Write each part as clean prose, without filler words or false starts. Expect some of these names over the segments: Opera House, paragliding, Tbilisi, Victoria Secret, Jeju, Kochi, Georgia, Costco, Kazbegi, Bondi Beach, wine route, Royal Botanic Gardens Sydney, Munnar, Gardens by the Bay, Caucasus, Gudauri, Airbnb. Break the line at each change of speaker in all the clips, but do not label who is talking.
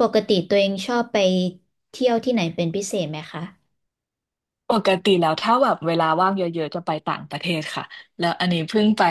ปกติตัวเองชอบไปเที่ยวที่ไหนเป็นพิเศษไหมคะ
ปกติแล้วถ้าแบบเวลาว่างเยอะๆจะไปต่างประเทศค่ะแล้วอันนี้เพิ่งไป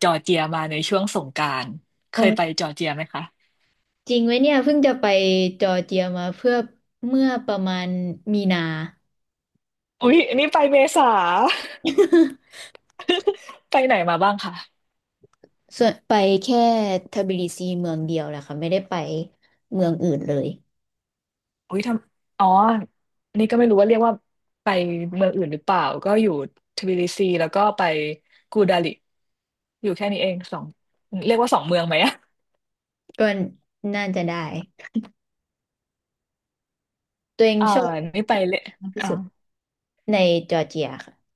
จอร์เจียมาในช่วงสงกรานต์เคยไป
ออ
จอร์เจียไหมคะ
จริงไหมเนี่ยเพิ่งจะไปจอร์เจียมาเพื่อเมื่อประมาณมีนา
อุ๊ยอันนี้ไปเมษา ไปไหนมาบ้างคะ
ส่วนไปแค่ทบิลิซีเมืองเดียวแหละค่ะไม่ได้ไปเมืองอื่นเลย
อุ๊ยทำอ๋ออันนี้ก็ไม่รู้ว่าเรียกว่าไปเมืองอื่นหรือเปล่าก็อยู่ทบิลิซีแล้วก็ไปกูดาลิอยู่แค่นี้เองสองเรียกว่าสองเมืองไหมอะ
ก็น่าจะได้ตัวเอง
อ่า
ชอบ
นี่ไปเลย
มากที่สุดในจอร์เจียค่ะ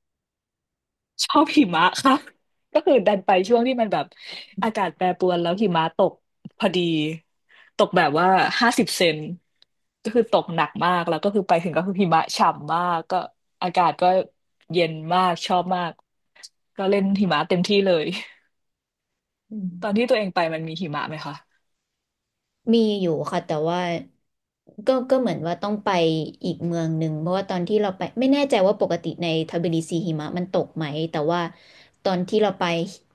ชอบหิมะค่ะก็คือดันไปช่วงที่มันแบบอากาศแปรปรวนแล้วหิมะตกพอดีตกแบบว่า50 เซนก็คือตกหนักมากแล้วก็คือไปถึงก็คือหิมะฉ่ำมากก็อากาศก็เย็นมากชอบมากก็เล่นหิมะเต็มที่เลย
อื
ต
ม
อนที่ตัวเองไปมันมีหิมะไหมคะ
มีอยู่ค่ะแต่ว่าก็เหมือนว่าต้องไปอีกเมืองหนึ่งเพราะว่าตอนที่เราไปไม่แน่ใจว่าปกติในทบิลิซีหิมะมันตกไหมแต่ว่าตอนที่เราไป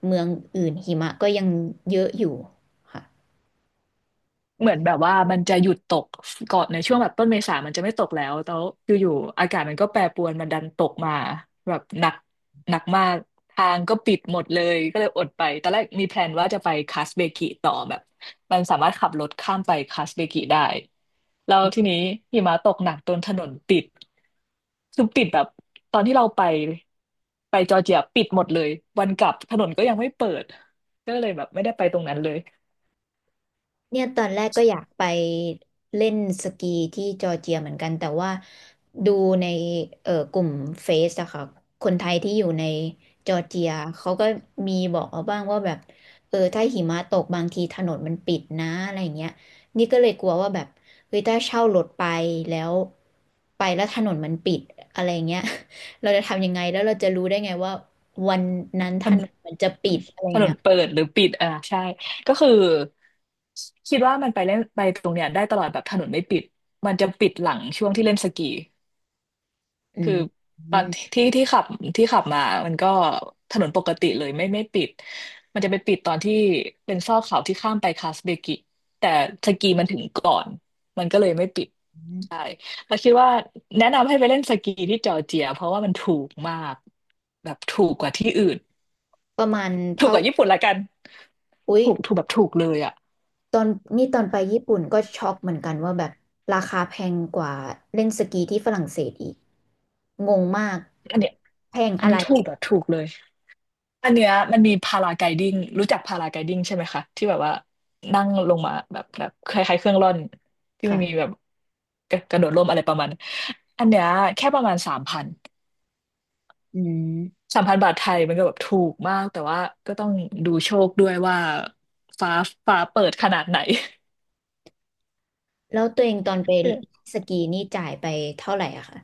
เมืองอื่นหิมะก็ยังเยอะอยู่ค่ะ
เหมือนแบบว่ามันจะหยุดตกก่อนในช่วงแบบต้นเมษามันจะไม่ตกแล้วอยู่ๆอากาศมันก็แปรปรวนมันดันตกมาแบบหนักหนักมากทางก็ปิดหมดเลยก็เลยอดไปตอนแรกมีแพลนว่าจะไปคัสเบกิต่อแบบมันสามารถขับรถข้ามไปคัสเบกิได้แล้วทีนี้หิมะตกหนักจนถนนปิดคือปิดแบบตอนที่เราไปไปจอร์เจียปิดหมดเลยวันกลับถนนก็ยังไม่เปิดก็เลยแบบไม่ได้ไปตรงนั้นเลย
เนี่ยตอนแรกก็อยากไปเล่นสกีที่จอร์เจียเหมือนกันแต่ว่าดูในกลุ่มเฟซอะค่ะคนไทยที่อยู่ในจอร์เจียเขาก็มีบอกเอาบ้างว่าแบบเออถ้าหิมะตกบางทีถนนมันปิดนะอะไรอย่างเงี้ยนี่ก็เลยกลัวว่าแบบเฮ้ยถ้าเช่ารถไปแล้วไปแล้วถนนมันปิดอะไรเงี้ย เราจะทำยังไงแล้วเราจะรู้ได้ไงว่าวันนั้นถนนมันจะปิดอะไร
ถน
เงี้
น
ย
เปิดหรือปิดอ่าใช่ก็คือคิดว่ามันไปเล่นไปตรงเนี้ยได้ตลอดแบบถนนไม่ปิดมันจะปิดหลังช่วงที่เล่นสกี
อื
คือ
มอื
ตอน
ม
ที่ที่ขับที่ขับมามันก็ถนนปกติเลยไม่ปิดมันจะไปปิดตอนที่เป็นซอกเขาที่ข้ามไปคาสเบกิแต่สกีมันถึงก่อนมันก็เลยไม่ปิดใช่แล้วคิดว่าแนะนำให้ไปเล่นสกีที่จอร์เจียเพราะว่ามันถูกมากแบบถูกกว่าที่อื่น
ประมาณ
ถูก
เท่า
กว่าญี่ปุ่นละกัน
อุ๊ย
ถูกถูกแบบถูกเลยอ่ะ
ตอนนี่ตอนไปญี่ปุ่นก็ช็อกเหมือนกันว่าแบบราคาแพงกว่าเล่นสกีที่ฝรั่งเศสอีกงงมาก
อันเนี้ย
แพง
อัน
อะไร
นี้ถูกแบบถูกเลยอันเนี้ยมันมีพาราไกดิ้งรู้จักพาราไกดิ้งใช่ไหมคะที่แบบว่านั่งลงมาแบบแบบคล้ายๆเครื่องร่อนที่ไม่มี
ค่ะ
แบบกระโดดร่มอะไรประมาณนั้นอันเนี้ยแค่ประมาณสามพัน
อืม
3,000 บาทไทยมันก็แบบถูกมากแต่ว่าก็ต้องดูโชคด้วยว่าฟ้าฟ้าเปิดขนาดไหน
แล้วตัวเองตอนไป
เออ
สกีนี่จ่ายไปเท่าไหร่อะคะ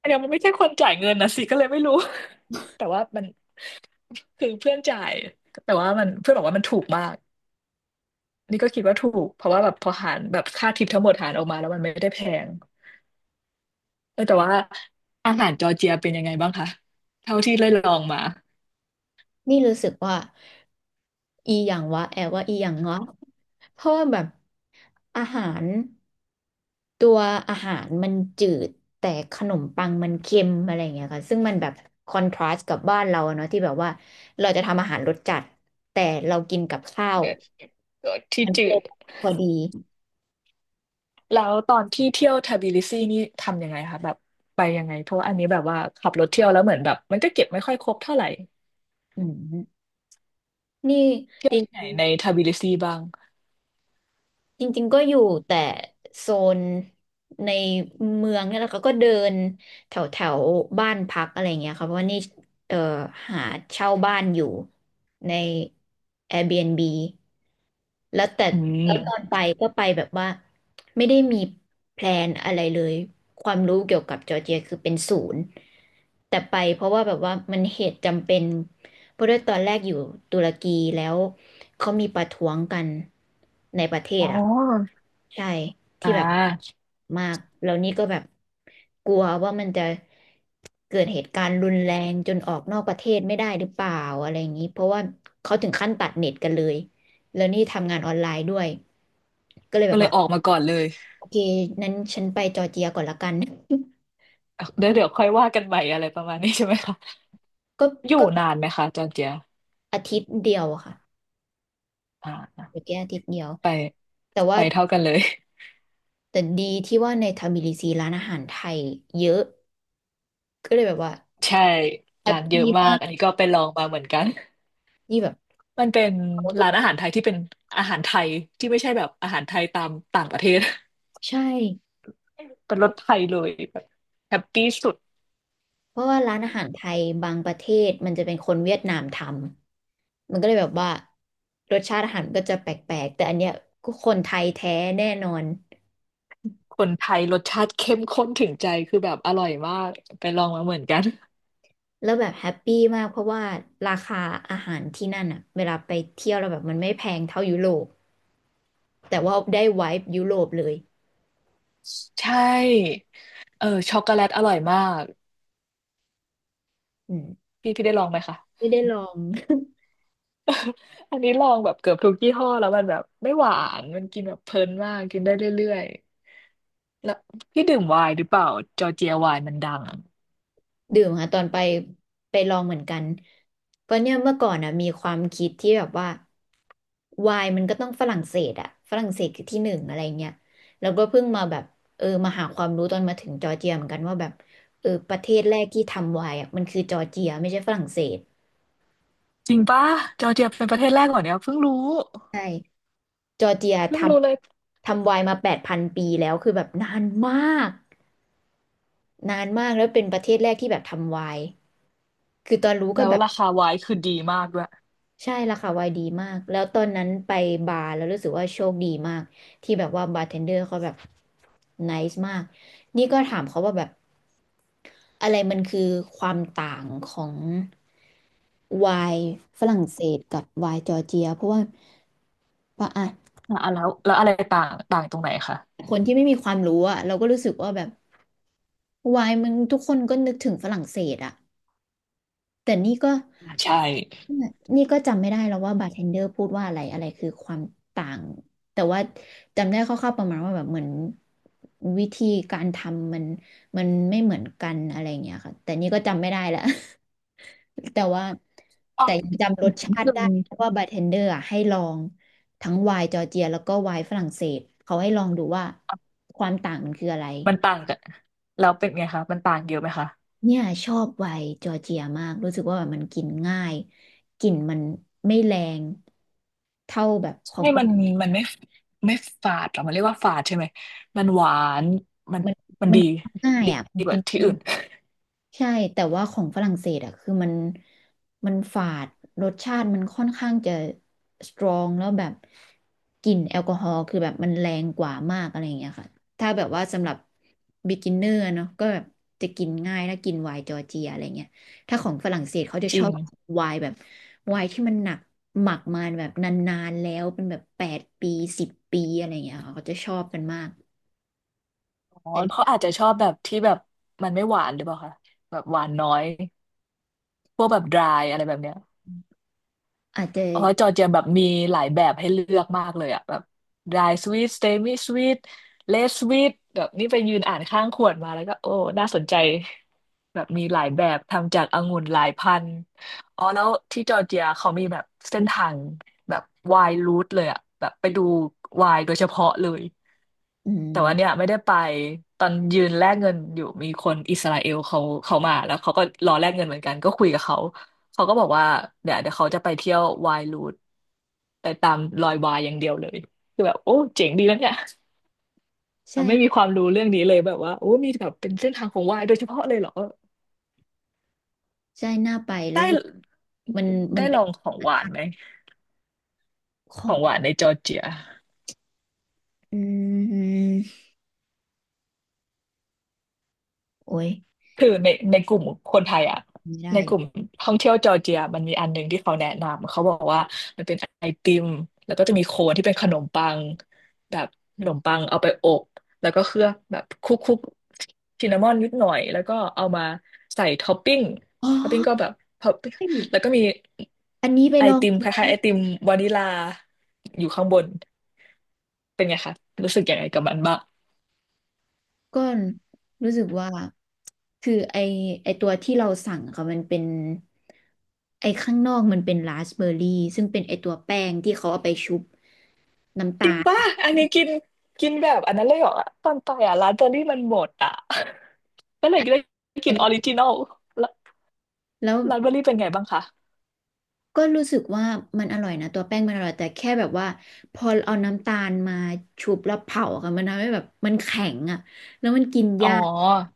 อันเนี้ยมันไม่ใช่คนจ่ายเงินนะสิก็เลยไม่รู้ แต่ว่ามันคือเพื่อนจ่ายแต่ว่ามันเพื่อนบอกว่ามันถูกมาก อันนี้ก็คิดว่าถูกเพราะว่าแบบพอหารแบบค่าทิปทั้งหมดหารออกมาแล้วมันไม่ได้แพงแต่ว่าอาหารจอร์เจียเป็นยังไงบ้างคะเท่าที่ได้ลองมา
นี่รู้สึกว่าอีอย่างวะแอบว่าอีอย่างเงาะเพราะว่าแบบอาหาร ตัวอาหารมันจืดแต่ขนมปังมันเค็มอะไรอย่างเงี้ยค่ะซึ่งมันแบบคอนทราสต์กับบ้านเราอะเนาะที่แบบว่าเราจะทำอาหารรสจัดแต่เรากินกับข้าว
เนี่ยก็ที่
มันก็
จื
เล
ด
ยพอดี
แล้วตอนที่เที่ยวทบิลิซีนี่ทำยังไงคะแบบไปยังไงเพราะว่าอันนี้แบบว่าขับรถเที่ยวแล้วเหมือนแบบมันก็เก็บไม่ค่อยครบเท่าไหร่
อืมนี่
เที่
จ
ยว
ร
ที่ไหน
ิง
ในทบิลิซีบ้าง
ๆจริงๆก็อยู่แต่โซนในเมืองเนี่ยแหละค่ะก็เดินแถวแถวบ้านพักอะไรอย่างเงี้ยค่ะเพราะว่านี่เอ่อหาเช่าบ้านอยู่ใน Airbnb แล้วแต่
อื
แล้วตอน
ม
ไปก็ไปแบบว่าไม่ได้มีแพลนอะไรเลยความรู้เกี่ยวกับจอร์เจียคือเป็นศูนย์แต่ไปเพราะว่าแบบว่ามันเหตุจำเป็นเพราะด้วยตอนแรกอยู่ตุรกีแล้วเขามีประท้วงกันในประเทศ
อ๋อ
อ่ะใช่
อ่
ที่แบบ
า
มากแล้วนี่ก็แบบกลัวว่ามันจะเกิดเหตุการณ์รุนแรงจนออกนอกประเทศไม่ได้หรือเปล่าอะไรอย่างนี้เพราะว่าเขาถึงขั้นตัดเน็ตกันเลย แล้วนี่ทำงานออนไลน์ด้วยก็เลยแบ
ก็
บ
เลย
ว่า
ออกมาก่อนเลย
โอเคนั้นฉันไปจอร์เจียก่อนละกัน
เดี๋ยวเดี๋ยวค่อยว่ากันใหม่อะไรประมาณนี้ใช่ไหมคะ
ก็
อยู่
ก็
นานไหมคะจอร์เจีย
อาทิตย์เดียวอะค่ะ
อ่า
จอจีอาทิตย์เดียว
ไป
แต่ว่า
เท่ากันเลย
แต่ดีที่ว่าในทบิลิซีร้านอาหารไทยเยอะก็เลยแบบว่า
ใช่
แฮ
ร้า
ป
นเยอะ
ปี้
มา
มา
กอัน
ก
นี้ก็ไปลองมาเหมือนกัน
ที่แบบ
มันเป็น
เขาทุก
ร้านอาหารไทยที่เป็นอาหารไทยที่ไม่ใช่แบบอาหารไทยตามต่างประเทศ
ใช่
เป็นรสไทยเลยแบบแฮปปี้สุด
เพราะว่าร้านอาหารไทยบางประเทศมันจะเป็นคนเวียดนามทำมันก็เลยแบบว่ารสชาติอาหารก็จะแปลกๆแต่อันเนี้ยก็คนไทยแท้แน่นอน
คนไทยรสชาติเข้มข้นถึงใจคือแบบอร่อยมากไปลองมาเหมือนกัน
แล้วแบบแฮปปี้มากเพราะว่าราคาอาหารที่นั่นอะเวลาไปเที่ยวเราแล้วแบบมันไม่แพงเท่ายุโรปแต่ว่าได้ไวบ์ยุโรปเลย
ใช่ช็อกโกแลตอร่อยมาก
อืม
พี่พี่ได้ลองไหมคะ
ไม่ได้ลอง
อันนี้ลองแบบเกือบทุกยี่ห้อแล้วมันแบบไม่หวานมันกินแบบเพลินมากกินได้เรื่อย แล้วพี่ดื่มไวน์หรือเปล่าจอร์เจียไวน์มันดัง
ดื่มค่ะตอนไปไปลองเหมือนกันเพราะเนี่ยเมื่อก่อนอ่ะมีความคิดที่แบบว่าไวน์มันก็ต้องฝรั่งเศสอ่ะฝรั่งเศสคือที่หนึ่งอะไรเงี้ยแล้วก็เพิ่งมาแบบเออมาหาความรู้ตอนมาถึงจอร์เจียเหมือนกันว่าแบบเออประเทศแรกที่ทำไวน์อ่ะมันคือจอร์เจียไม่ใช่ฝรั่งเศส
จริงปะจอร์เจียเป็นประเทศแรกเหรอเนี่ยเพิ่งรู้
ใช่ จอร์เจียท
เพิ่งรู้เลย
ำทำไวน์มา8,000 ปีแล้วคือแบบนานมากนานมากแล้วเป็นประเทศแรกที่แบบทำไวน์คือตอนรู้ก็
แล้ว
แบบ
ราคาไวน์คือดีมากด้วย
ใช่ราคาไวน์ดีมากแล้วตอนนั้นไปบาร์แล้วรู้สึกว่าโชคดีมากที่แบบว่าบาร์เทนเดอร์เขาแบบไนซ์มากนี่ก็ถามเขาว่าแบบอะไรมันคือความต่างของไวน์ฝรั่งเศสกับไวน์จอร์เจียเพราะว่าปะอ่ะ
อ่ะแล้วอะไรต่างต่างตรงไหนคะ
คนที่ไม่มีความรู้อะเราก็รู้สึกว่าแบบ วายมันทุกคนก็นึกถึงฝรั่งเศสอะแต่นี่ก็
อ่าใช่
จำไม่ได้แล้วว่าบาร์เทนเดอร์พูดว่าอะไรอะไรคือความต่างแต่ว่าจำได้คร่าวๆประมาณว่าแบบเหมือนวิธีการทำมันมันไม่เหมือนกันอะไรอย่างเงี้ยค่ะแต่นี่ก็จำไม่ได้ละ แต่ว่า
อ๋อ
แต่ยังจำรส
นิ
ชา
ด
ติ
นึง
ได้เพราะว่าบาร์เทนเดอร์อะให้ลองทั้งไวน์จอร์เจียแล้วก็ไวน์ฝรั่งเศสเขาให้ลองดูว่าความต่างมันคืออะไร
มันต่างกันแล้วเป็นไงคะมันต่างเยอะไหมคะ
เนี่ยชอบไวน์จอร์เจียมากรู้สึกว่าแบบมันกินง่ายกลิ่นมันไม่แรงเท่าแบบขอ
ใช่
ง
มั
ต่า
น
ง
มันไม่ไม่ฝาดหรอมันเรียกว่าฝาดใช่ไหมมันหวานมัน
มัน
มัน
มัน
ดี
ง่ายอ่ะมั
ดี
น
ก
กิ
ว่า
น
ที่อื่น
ใช่แต่ว่าของฝรั่งเศสอะคือมันฝาดรสชาติมันค่อนข้างจะสตรองแล้วแบบกลิ่นแอลกอฮอล์คือแบบมันแรงกว่ามากอะไรอย่างเงี้ยค่ะถ้าแบบว่าสำหรับ beginner เนอะก็แบบจะกินง่ายแล้วกินไวน์จอร์เจียอะไรเงี้ยถ้าของฝรั่งเศสเขาจะ
จ
ช
ริ
อ
ง
บไวน์แบบไวน์ที่มันหนักหมักมาแบบนานๆแล้วเป็นแบบ8 ปี10 ปีอะไรเงี้ยค่ะเขาจะชอบกันมาก
อ๋อ
แต่นี่
เขาอาจจะชอบแบบที่แบบมันไม่หวานหรือเปล่าคะแบบหวานน้อย พวกแบบ dry อะไรแบบเนี้ย
อาจจะ
เพราะจอร์เจียแบบมีหลายแบบให้เลือกมากเลยอะแบบ dry sweet semi sweet less sweet แบบนี่ไปยืนอ่านข้างขวดมาแล้วก็โอ้ น่าสนใจแบบมีหลายแบบทำจากองุ่นหลายพันธุ์อ๋อแล้วที่จอร์เจียเขามีแบบเส้นทางแบบ wine route เลยอะแบบไปดู wine โดยเฉพาะเลย
อื
แต่ว่าเนี่ย
ม
ไม่ได้ไปตอนยืนแลกเงินอยู่มีคนอิสราเอลเขามาแล้วเขาก็รอแลกเงินเหมือนกันก็คุยกับเขาเขาก็บอกว่าเดี๋ยวเขาจะไปเที่ยววายรูทไปตามรอยวายอย่างเดียวเลยคือแบบโอ้เจ๋งดีแล้วเนี่ยเราไม่มี
ใช่
ความรู้เรื่องนี้เลยแบบว่าโอ้มีแบบเป็นเส้นทางของวายโดยเฉพาะเลยเหรอ
ใช่น่าไป
ได้
รู้สึกมันมันเป็
ลอ
น
งของหวานไหม
ขอ
ขอ
ง
งหวานในจอร์เจีย
อืมโอ้ย
คือในกลุ่มคนไทยอ่ะ
ไม่ได้
ในก
เล
ลุ่ม
ย
ท่องเที่ยวจอร์เจียมันมีอันหนึ่งที่เขาแนะนำเขาบอกว่ามันเป็นไอติมแล้วก็จะมีโคนที่เป็นขนมปังแบบขนมปังเอาไปอบแล้วก็เคลือบแบบคลุกๆซินนามอนนิดหน่อยแล้วก็เอามาใส่ท็อปปิ้ง
อ๋อ
ท็อปปิ้งก็แบบท็อปปิ้งแล้ว
อั
ก็มี
นนี้ไป
ไอ
ลอง
ติม
ก
คล้ายๆไอติมวานิลาอยู่ข้างบนเป็นไงคะรู้สึกยังไงกับมันบ้าง
่อน รู้สึกว่า คือไอตัวที่เราสั่งค่ะมันเป็น ไอข้างนอกมันเป็นราสเบอร์รี่ ซึ่งเป็นไอตัวแป้งที่เขาเอาไปชุบน้ำ
จ
ตา
ริงป่ะ
ล
อันนี้กินกินแบบอันนั้นเลยเหรอตอนไปอ่ะร้านเบอร์รี่มันหมดอ่ะ ก็เล
อ
ยได้กิ
อัน
นอ
นี้
อริจินอลแล้ว
แล้ว
ร้านเบอร์รี่เป็นไงบ้างคะ
ก็รู้สึกว่ามันอร่อยนะตัวแป้งมันอร่อยแต่แค่แบบว่าพอเอาน้ำตาลมาชุบแล้วเผาอะค่ะมันทำให้แบบมันแข็งอะแล้วมันกิน
อ๋
ยาก
อ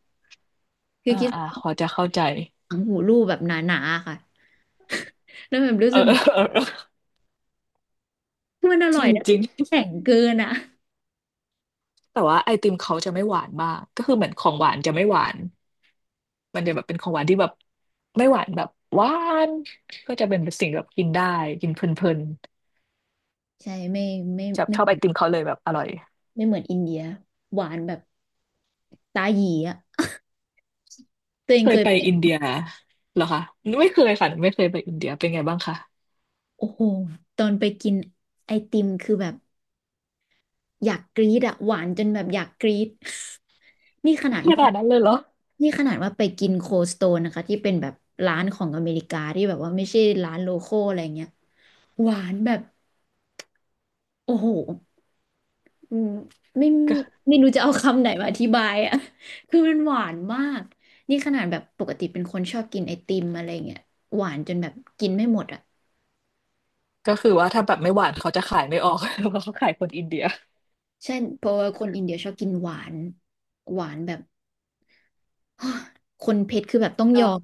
คือคิด
พอจะเข้าใจ
ถังหูรูปแบบหนาๆค่ะแล้วแบบรู้
เอ
สึ
อ
กเห มือน
เออเออเออ
มันอ
จ
ร่อ
ริ
ย
ง
นะ
จริง
แข็งเกินอะ
แต่ว่าไอติมเขาจะไม่หวานมากก็คือเหมือนของหวานจะไม่หวานมันจะแบบเป็นของหวานที่แบบไม่หวานแบบหวานก็จะเป็นสิ่งแบบกินได้กินเพลิน
ใช่ไม่ไม่
ๆจะ
ไม่
ชอบไอติมเขาเลยแบบอร่อย
ไม่เหมือนอินเดียหวานแบบตาหยีอ่ะตัวเอง
เค
เค
ย
ย
ไป
ไป
อินเดียเหรอคะไม่เคยค่ะไม่เคยไปอินเดียเป็นไงบ้างคะ
โอ้โหตอนไปกินไอติมคือแบบ อยากกรี๊ดอะหวานจนแบบอยากกรี๊ด นี่ขนาด
ข
ว่า
นาดนั้นเลยเหรอ
นี่ขนาดว่าไปกินโคสโตนนะคะที่เป็นแบบร้านของอเมริกาที่แบบว่าไม่ใช่ร้านโลคอลอะไรเงี้ยหวานแบบโอ้โหอืมไม่
ก็
ไม่รู้จะเอาคำไหนมาอธิบายอะ คือมันหวานมากนี่ขนาดแบบปกติเป็นคนชอบกินไอติมอะไรเงี้ยหวานจนแบบกินไม่หมดอะ
ก็คือว่าถ้าแบบไม่หวานเขาจะขายไม่ออก เพราะเขาขายคนอินเดีย
ใช่เพราะว่าคนอินเดียชอบกินหวานหวานแบบ คนเพชรคือแบบต้องย
อ่ะ
อม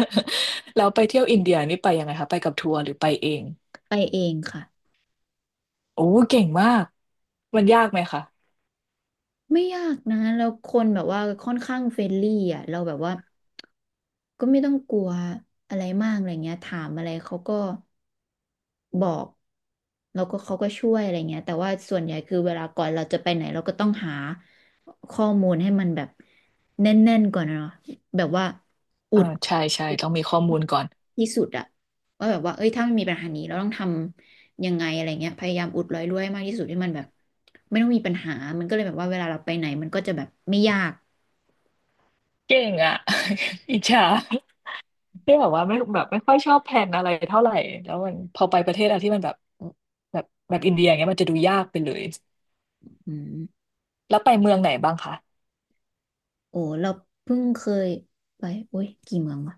แล้วไปเที่ยวอินเดียนี่ไปยังไงคะไปกับทัวร์หรือไปเอง
ไปเองค่ะ
โอ้เก่งมากมันยากไหมคะ
ไม่ยากนะแล้วคนแบบว่าค่อนข้างเฟรนลี่อ่ะเราแบบว่าก็ไม่ต้องกลัวอะไรมากอะไรเงี้ยถามอะไรเขาก็บอกแล้วก็เขาก็ช่วยอะไรเงี้ยแต่ว่าส่วนใหญ่คือเวลาก่อนเราจะไปไหนเราก็ต้องหาข้อมูลให้มันแบบแน่นๆก่อนอะเนาะแบบว่าอุ
อ่า
ด
ใช่ใช่ต้องมีข้อมูลก่อน
ที่สุดอะว่าแบบว่าเอ้ยถ้ามันมีปัญหานี้เราต้องทำยังไงอะไรเงี้ยพยายามอุดรอยรั่วให้มากที่สุดให้มันแบบไม่ต้องมีปัญหามันก็เลยแบบว่าเวลาเราไปไหนมันก็จะแบบไม่ยาก
เก่งอ่ะ อิจฉาที่แบบว่าไม่แบบไม่ค่อยชอบแพลนอะไรเท่าไหร่แล้วมันพอไปประเทศอะไรที่มันแบบแบบอินเดียอย่างเงี้ยมันจะดูยากไปเลย
อืม
แล้วไปเมืองไหนบ้างคะ
โอ้เราเพิ่งเคยไปโอ้ยกี่เมืองวะ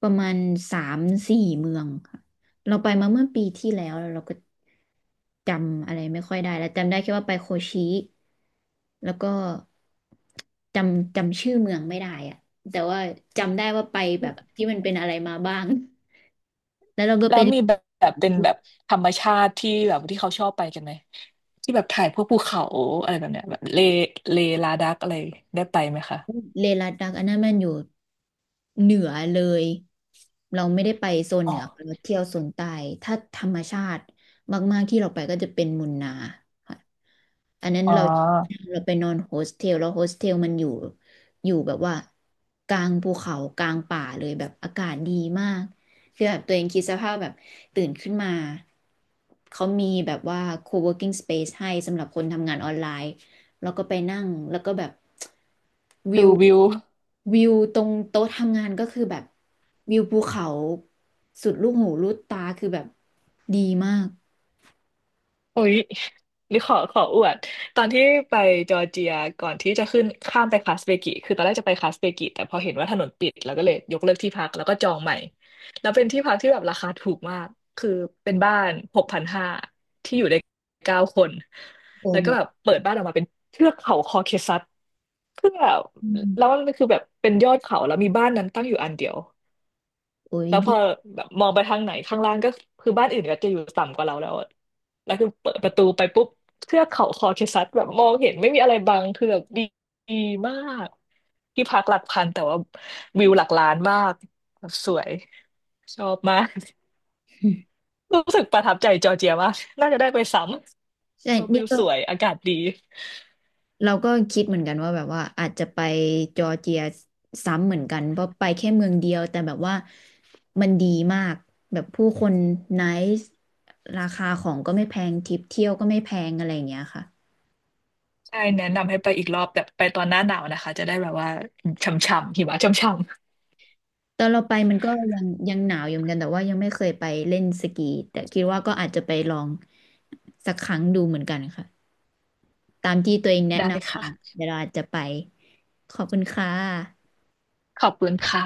ประมาณ3-4 เมืองค่ะเราไปมาเมื่อปีที่แล้วแล้วเราก็จำอะไรไม่ค่อยได้แล้วจำได้แค่ว่าไปโคชิแล้วก็จำชื่อเมืองไม่ได้อะแต่ว่าจำได้ว่าไปแบบที่มันเป็นอะไรมาบ้างแล้วเราก็
แล้
ไป
วมีแบบเป็นแบบธรรมชาติที่แบบที่เขาชอบไปกันไหมที่แบบถ่ายพวกภูเขาอะไรแบบเนี้ยแบบเลเลลาดักอะไรได้ไปไหมคะ
เลลัดดักอันนั้นมันอยู่เหนือเลย เราไม่ได้ไปโซนเห
อ๋
นื
อ
อ เราเที่ยวโซนใต้ถ้าธรรมชาติมากๆที่เราไปก็จะเป็นมุนนาค่ะอันนั้น
อ๋
เรา
อ
เราไปนอนโฮสเทลแล้วโฮสเทลมันอยู่แบบว่ากลางภูเขากลางป่าเลยแบบอากาศดีมาก คือแบบตัวเองคิดสภาพแบบตื่นขึ้นมา เขามีแบบว่า co-working space ให้สำหรับคนทำงานออนไลน์แล้วก็ไปนั่งแล้วก็แบบวิ
ดู
ว
วิว
วิวตรงโต๊ะทำงานก็คือแบบวิวภูเขาสุดลูกหูลูกตาคือแบบดีมาก
อุ๊ยนี่ขออวดตอนที่ไปจอร์เจียก่อนที่จะขึ้นข้ามไปคาสเปกิคือตอนแรกจะไปคาสเปกิแต่พอเห็นว่าถนนปิดแล้วก็เลยยกเลิกที่พักแล้วก็จองใหม่แล้วเป็นที่พักที่แบบราคาถูกมากคือเป็นบ้าน6,500ที่อยู่ได้9 คน
โอ้
แล้ว
แบ
ก็
บ
แบบเปิดบ้านออกมาเป็นเทือกเขาคอเคซัสเพื่อ
อื
แล้ว
ม
มันคือแบบเป็นยอดเขาแล้วมีบ้านนั้นตั้งอยู่อันเดียว
โอ้ย
แล้วพ
ดี
อแบบมองไปทางไหนข้างล่างก็คือบ้านอื่นก็จะอยู่ต่ำกว่าเราแล้วอะแล้วคือเปิดประตูไปปุ๊บเทือกเขาคอเคซัสแบบมองเห็นไม่มีอะไรบังคือแบบดีดีมากที่พักหลักพันแต่ว่าวิวหลักล้านมากแบบสวยชอบมาก รู้สึกประทับใจจอร์เจียมากน่าจะได้ไปซ้
ใช่
ำเพราะ
นี่
วิว
ก็
สวยอากาศดี
เราก็คิดเหมือนกันว่าแบบว่าอาจจะไปจอร์เจียซ้ำเหมือนกันเพราะไปแค่เมืองเดียวแต่แบบว่ามันดีมากแบบผู้คนไนซ์ราคาของก็ไม่แพงทริปเที่ยวก็ไม่แพงอะไรอย่างเงี้ยค่ะ
ใช่แนะนำให้ไปอีกรอบแต่ไปตอนหน้าหนาวนะคะจะได้แบบว่าช่ำๆหิมะช่
ตอนเราไปมันก็ยังหนาวอยู่เหมือนกันแต่ว่ายังไม่เคยไปเล่นสกีแต่คิดว่าก็อาจจะไปลองสักครั้งดูเหมือนกันค่ะตามที่ตัวเอง
ำ
แนะ
ๆได้
นำมา
ค่ะ
เดี๋ยวเราอาจจะไปขอบคุณค่ะ
ขอบคุณค่ะ